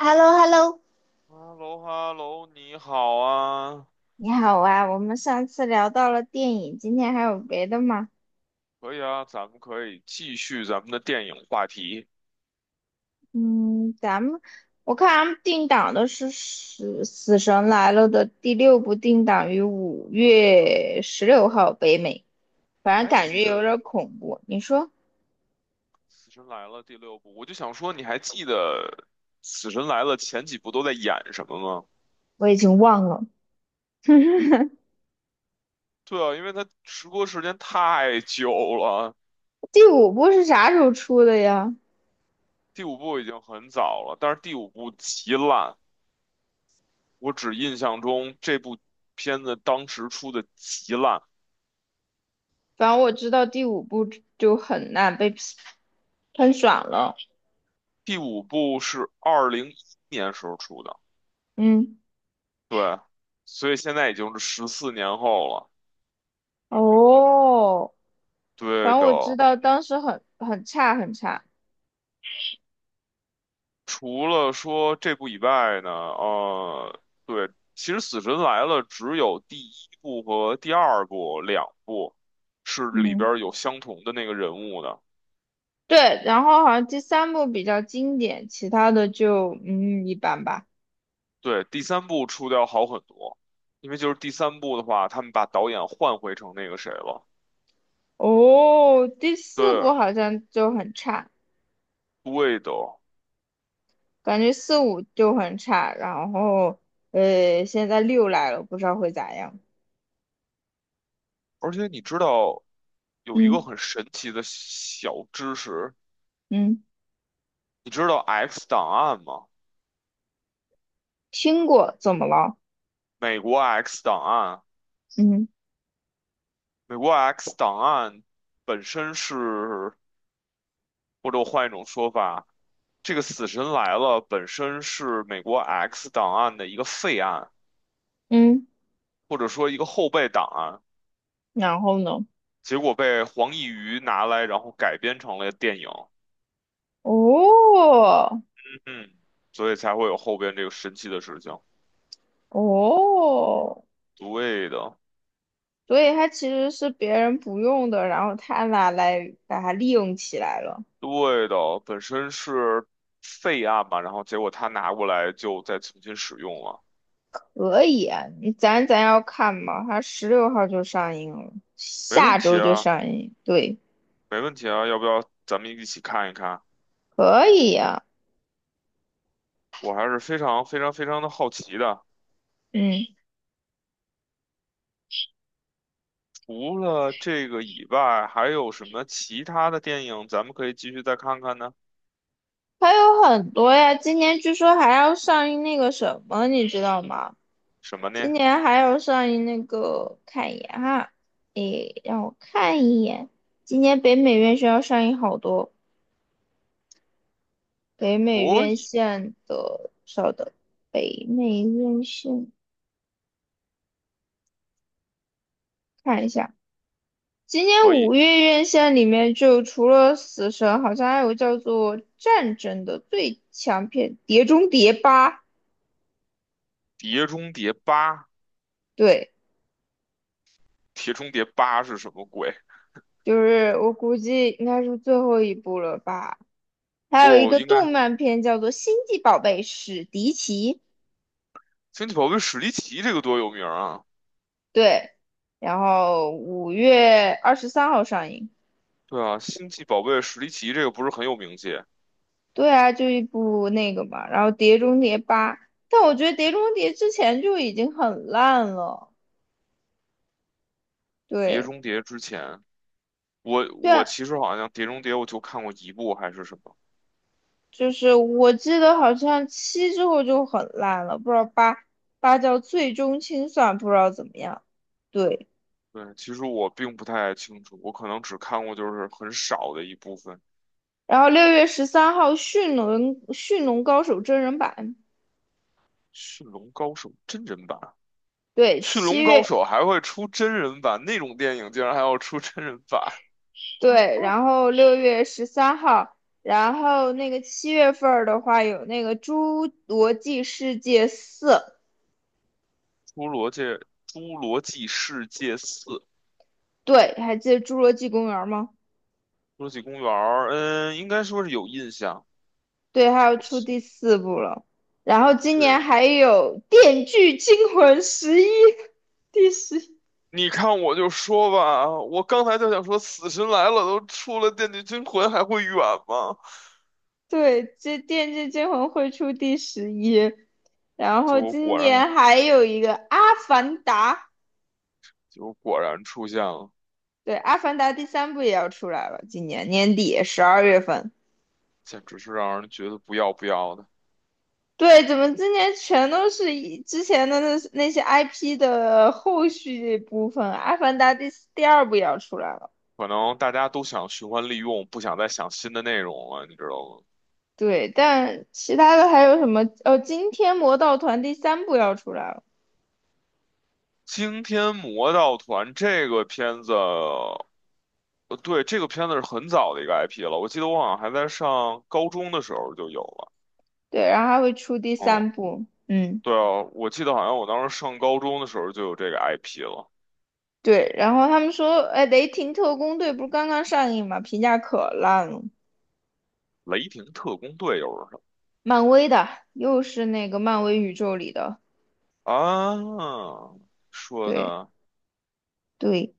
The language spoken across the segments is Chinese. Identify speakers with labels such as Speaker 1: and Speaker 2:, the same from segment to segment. Speaker 1: h e l l o h e l l o
Speaker 2: 哈喽哈喽，你好啊，
Speaker 1: 你好啊，我们上次聊到了电影，今天还有别的吗？
Speaker 2: 可以啊，咱们可以继续咱们的电影话题。
Speaker 1: 嗯，我看咱们定档的是《死神来了》的第六部，定档于5月16号北美，反
Speaker 2: 你
Speaker 1: 正
Speaker 2: 还
Speaker 1: 感
Speaker 2: 记
Speaker 1: 觉有点
Speaker 2: 得
Speaker 1: 恐怖。你说
Speaker 2: 《死神来了》第六部？我就想说，你还记得《死神来了》前几部都在演什么吗？
Speaker 1: 我已经忘了
Speaker 2: 对啊，因为它时播时间太久了，
Speaker 1: 第五部是啥时候出的呀？
Speaker 2: 第五部已经很早了，但是第五部极烂，我只印象中这部片子当时出的极烂，
Speaker 1: 反正我知道第五部就很烂，被 喷爽了。
Speaker 2: 第五部是2011年时候出的。
Speaker 1: 嗯，
Speaker 2: 对，所以现在已经是14年后了。
Speaker 1: 哦，反
Speaker 2: 对
Speaker 1: 正
Speaker 2: 的，
Speaker 1: 我知道当时很差很差，
Speaker 2: 除了说这部以外呢，对，其实《死神来了》只有第一部和第二部两部是里
Speaker 1: 嗯，
Speaker 2: 边儿有相同的那个人物的。
Speaker 1: 对，然后好像第三部比较经典，其他的就一般吧。
Speaker 2: 对，第三部出的要好很多，因为就是第三部的话，他们把导演换回成那个谁了。
Speaker 1: 哦，第四
Speaker 2: 对，
Speaker 1: 部好像就很差，
Speaker 2: 对的，
Speaker 1: 感觉四五就很差，然后现在六来了，不知道会咋样。
Speaker 2: 而且你知道有一个
Speaker 1: 嗯
Speaker 2: 很神奇的小知识，
Speaker 1: 嗯，
Speaker 2: 你知道 X 档案吗？
Speaker 1: 听过，怎么了？
Speaker 2: 美国 X 档案，
Speaker 1: 嗯
Speaker 2: 美国 X 档案本身是，或者我换一种说法，这个死神来了本身是美国 X 档案的一个废案，
Speaker 1: 嗯，
Speaker 2: 或者说一个后备档案，
Speaker 1: 然后呢？
Speaker 2: 结果被黄义瑜拿来，然后改编成了电影，
Speaker 1: 哦
Speaker 2: 嗯，所以才会有后边这个神奇的事情。
Speaker 1: 哦。
Speaker 2: 对的，
Speaker 1: 所以它其实是别人不用的，然后他拿来把它利用起来了。
Speaker 2: 对的，本身是废案嘛，然后结果他拿过来就再重新使用了，
Speaker 1: 可以啊，你咱要看嘛，它十六号就上映了，
Speaker 2: 没问
Speaker 1: 下
Speaker 2: 题
Speaker 1: 周就
Speaker 2: 啊。
Speaker 1: 上映。对，
Speaker 2: 没问题啊，要不要咱们一起看一看？
Speaker 1: 可以呀、
Speaker 2: 我还是非常非常非常的好奇的。
Speaker 1: 嗯，
Speaker 2: 除了这个以外，还有什么其他的电影咱们可以继续再看看呢？
Speaker 1: 还有很多呀，今年据说还要上映那个什么，你知道吗？
Speaker 2: 什么
Speaker 1: 今
Speaker 2: 呢？
Speaker 1: 年还要上映那个，看一眼哈，诶，让我看一眼，今年北美院线要上映好多。北美
Speaker 2: 可
Speaker 1: 院
Speaker 2: 以，
Speaker 1: 线的，稍等，北美院线看一下，今年
Speaker 2: 可以，
Speaker 1: 五月院线里面就除了《死神》，好像还有叫做《战争》的最强片《碟中谍八》，
Speaker 2: 《碟中谍八》，
Speaker 1: 对，
Speaker 2: 《碟中谍八》是什么鬼？
Speaker 1: 就是我估计应该是最后一部了吧。还有一
Speaker 2: 不
Speaker 1: 个
Speaker 2: 应该，
Speaker 1: 动漫片叫做《星际宝贝史迪奇》，
Speaker 2: 《星际宝贝史迪奇》这个多有名啊！
Speaker 1: 对，然后5月23号上映。
Speaker 2: 对啊，《星际宝贝史迪奇》这个不是很有名气，
Speaker 1: 对啊，就一部那个嘛，然后《碟中谍八》，但我觉得《碟中谍》之前就已经很烂了。
Speaker 2: 《碟
Speaker 1: 对，
Speaker 2: 中谍》之前，我
Speaker 1: 对
Speaker 2: 我
Speaker 1: 啊
Speaker 2: 其实好像《碟中谍》我就看过一部还是什么。
Speaker 1: 就是我记得好像七之后就很烂了，不知道八八叫最终清算，不知道怎么样。对，
Speaker 2: 对，其实我并不太清楚，我可能只看过就是很少的一部分
Speaker 1: 然后六月十三号《驯龙高手》真人版，
Speaker 2: 《驯龙高手》真人版，
Speaker 1: 对，
Speaker 2: 《驯
Speaker 1: 七
Speaker 2: 龙高
Speaker 1: 月
Speaker 2: 手》还会出真人版，那种电影竟然还要出真人版，
Speaker 1: 对，然后六月十三号。然后那个七月份儿的话，有那个《侏罗纪世界四》，
Speaker 2: 《侏罗界》《侏罗纪世界四》《侏
Speaker 1: 对，还记得《侏罗纪公园》吗？
Speaker 2: 罗纪公园》，嗯，应该说是有印象。
Speaker 1: 对，它要
Speaker 2: 我
Speaker 1: 出第四部了。然后今年
Speaker 2: 对，
Speaker 1: 还有《电锯惊魂十一》第十一，
Speaker 2: 你看我就说吧，我刚才就想说《死神来了》都出了，《电锯惊魂》还会远吗？
Speaker 1: 对，这《电锯惊魂》会出第十一。然
Speaker 2: 结
Speaker 1: 后
Speaker 2: 果
Speaker 1: 今
Speaker 2: 果然，
Speaker 1: 年还有一个《阿凡达》，
Speaker 2: 结果果然出现了，
Speaker 1: 对，《阿凡达》第三部也要出来了，今年年底12月份。
Speaker 2: 简直是让人觉得不要不要的。
Speaker 1: 对，怎么今年全都是以之前的那些 IP 的后续部分？《阿凡达》第四第二部也要出来了。
Speaker 2: 可能大家都想循环利用，不想再想新的内容了，你知道吗？
Speaker 1: 对，但其他的还有什么？哦，今天《魔盗团》第三部要出来了，
Speaker 2: 《惊天魔盗团》这个片子，对，这个片子是很早的一个 IP 了，我记得我好像还在上高中的时候就有了。
Speaker 1: 对，然后还会出第
Speaker 2: 嗯，
Speaker 1: 三部，嗯，
Speaker 2: 对啊，我记得好像我当时上高中的时候就有这个 IP 了，
Speaker 1: 对，然后他们说，哎，《雷霆特工队》不是刚刚上映嘛，评价可烂了，
Speaker 2: 《雷霆特工队》又是什
Speaker 1: 漫威的，又是那个漫威宇宙里的，
Speaker 2: 么啊？说
Speaker 1: 对
Speaker 2: 的
Speaker 1: 对，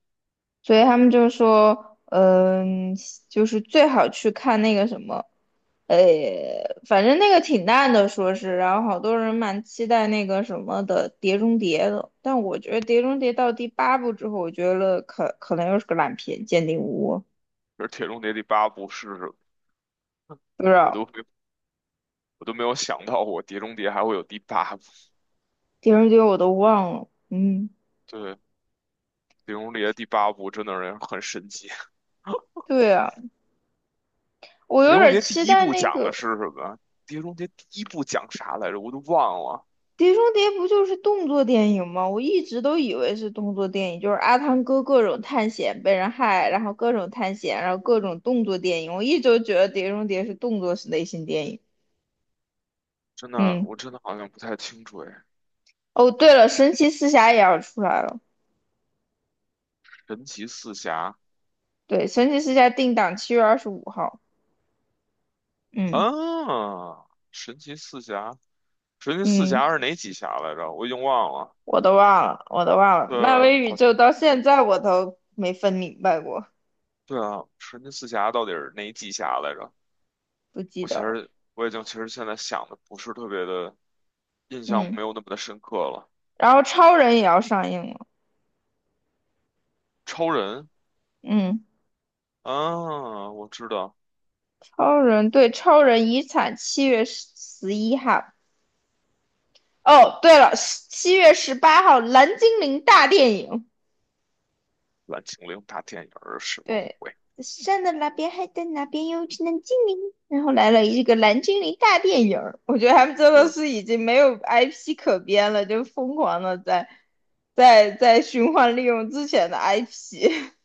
Speaker 1: 所以他们就说，嗯，就是最好去看那个什么，呃，反正那个挺烂的，说是，然后好多人蛮期待那个什么的《碟中谍》的，但我觉得《碟中谍》到第八部之后，我觉得可能又是个烂片，《鉴定无误
Speaker 2: 是《铁中谍》第八部是什么？
Speaker 1: 不知
Speaker 2: 我
Speaker 1: 道
Speaker 2: 都没我都没有想到，我《碟中谍》还会有第八部。
Speaker 1: 《碟中谍》我都忘了，嗯，
Speaker 2: 对，碟中谍第八部真的是很神奇。
Speaker 1: 对啊，我
Speaker 2: 碟
Speaker 1: 有
Speaker 2: 中
Speaker 1: 点
Speaker 2: 谍第
Speaker 1: 期
Speaker 2: 一
Speaker 1: 待
Speaker 2: 部
Speaker 1: 那
Speaker 2: 讲
Speaker 1: 个。
Speaker 2: 的是什么？碟中谍第一部讲啥来着？我都忘了。
Speaker 1: 《碟中谍》不就是动作电影吗？我一直都以为是动作电影，就是阿汤哥各种探险被人害，然后各种探险，然后各种动作电影。我一直都觉得《碟中谍》是动作类型电影。
Speaker 2: 真的，
Speaker 1: 嗯，
Speaker 2: 我真的好像不太清楚哎。
Speaker 1: 哦，对了，《神奇四侠》也要出来了。
Speaker 2: 神奇四侠
Speaker 1: 对，《神奇四侠》定档7月25号。嗯
Speaker 2: 啊，神奇四侠，神奇四
Speaker 1: 嗯，
Speaker 2: 侠是哪几侠来着？我已经忘了。
Speaker 1: 我都忘了，我都忘了。
Speaker 2: 对，
Speaker 1: 漫威宇
Speaker 2: 好，
Speaker 1: 宙到现在我都没分明白过，
Speaker 2: 对啊，神奇四侠到底是哪几侠来着？
Speaker 1: 不记
Speaker 2: 我
Speaker 1: 得
Speaker 2: 其
Speaker 1: 了。
Speaker 2: 实我已经其实现在想的不是特别的印象，
Speaker 1: 嗯，
Speaker 2: 没有那么的深刻了。
Speaker 1: 然后超人也要上映了。
Speaker 2: 超人
Speaker 1: 嗯。
Speaker 2: 啊，我知道。
Speaker 1: 超人对超人遗产7月11号。哦，对了，7月18号蓝精灵大电影。
Speaker 2: 蓝精灵大电影儿什么
Speaker 1: 对，
Speaker 2: 鬼？
Speaker 1: 山的那边海的那边有一只蓝精灵，然后来了一个蓝精灵大电影儿我觉得他们真的是
Speaker 2: 对
Speaker 1: 已经没有 IP 可编了，就疯狂的在循环利用之前的 IP。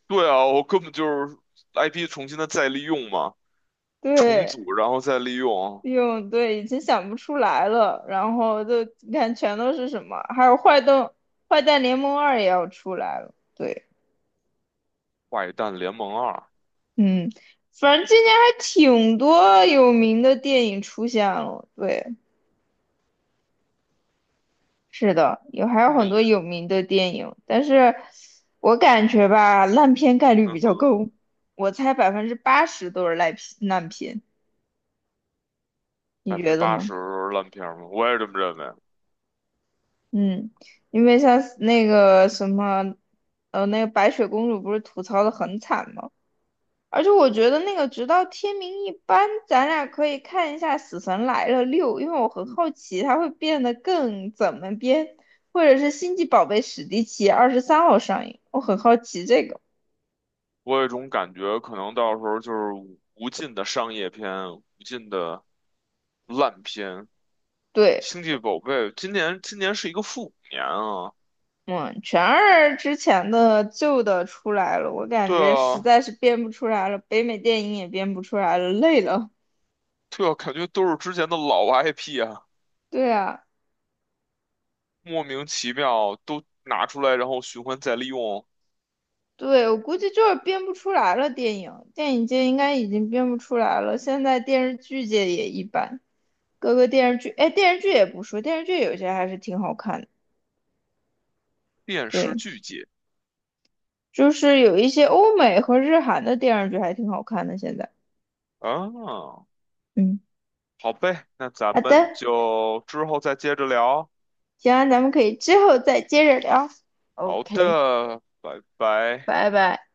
Speaker 2: 对啊，我根本就是 IP 重新的再利用嘛，重
Speaker 1: 对。
Speaker 2: 组然后再利用
Speaker 1: 哟，对，已经想不出来了。然后就你看，全都是什么？还有坏蛋，坏蛋联盟二也要出来了。对，
Speaker 2: 《坏蛋联盟二》
Speaker 1: 嗯，反正今年还挺多有名的电影出现了。对，是的，有还有
Speaker 2: 这么
Speaker 1: 很
Speaker 2: 一
Speaker 1: 多
Speaker 2: 说，
Speaker 1: 有名的电影，但是我感觉吧，烂片概率
Speaker 2: 嗯
Speaker 1: 比较
Speaker 2: 哼，
Speaker 1: 高，我猜80%都是烂片，烂片，你
Speaker 2: 百分之
Speaker 1: 觉得
Speaker 2: 八
Speaker 1: 呢？
Speaker 2: 十烂片儿嘛，我也这么认为。
Speaker 1: 嗯，因为像那个什么，那个白雪公主不是吐槽的很惨吗？而且我觉得那个直到天明一般，咱俩可以看一下《死神来了六》，因为我很好奇它会变得更怎么编，或者是《星际宝贝史迪奇》二十三号上映，我很好奇这个。
Speaker 2: 我有一种感觉，可能到时候就是无尽的商业片，无尽的烂片。
Speaker 1: 对，
Speaker 2: 星际宝贝今年是一个复古年啊，
Speaker 1: 嗯，全二之前的旧的出来了，我感
Speaker 2: 对
Speaker 1: 觉实
Speaker 2: 啊，
Speaker 1: 在是编不出来了，北美电影也编不出来了，累了。
Speaker 2: 对啊，感觉都是之前的老 IP 啊。
Speaker 1: 对啊。
Speaker 2: 莫名其妙都拿出来，然后循环再利用，
Speaker 1: 对，我估计就是编不出来了。电影电影界应该已经编不出来了，现在电视剧界也一般。各个电视剧，哎，电视剧也不说，电视剧有些还是挺好看的。
Speaker 2: 便是
Speaker 1: 对，
Speaker 2: 剧解
Speaker 1: 就是有一些欧美和日韩的电视剧还挺好看的。现在，
Speaker 2: 啊。
Speaker 1: 嗯，
Speaker 2: 好呗，那咱
Speaker 1: 好的，
Speaker 2: 们就之后再接着聊。
Speaker 1: 行啊咱们可以之后再接着聊。
Speaker 2: 好
Speaker 1: OK，
Speaker 2: 的，拜拜。
Speaker 1: 拜拜。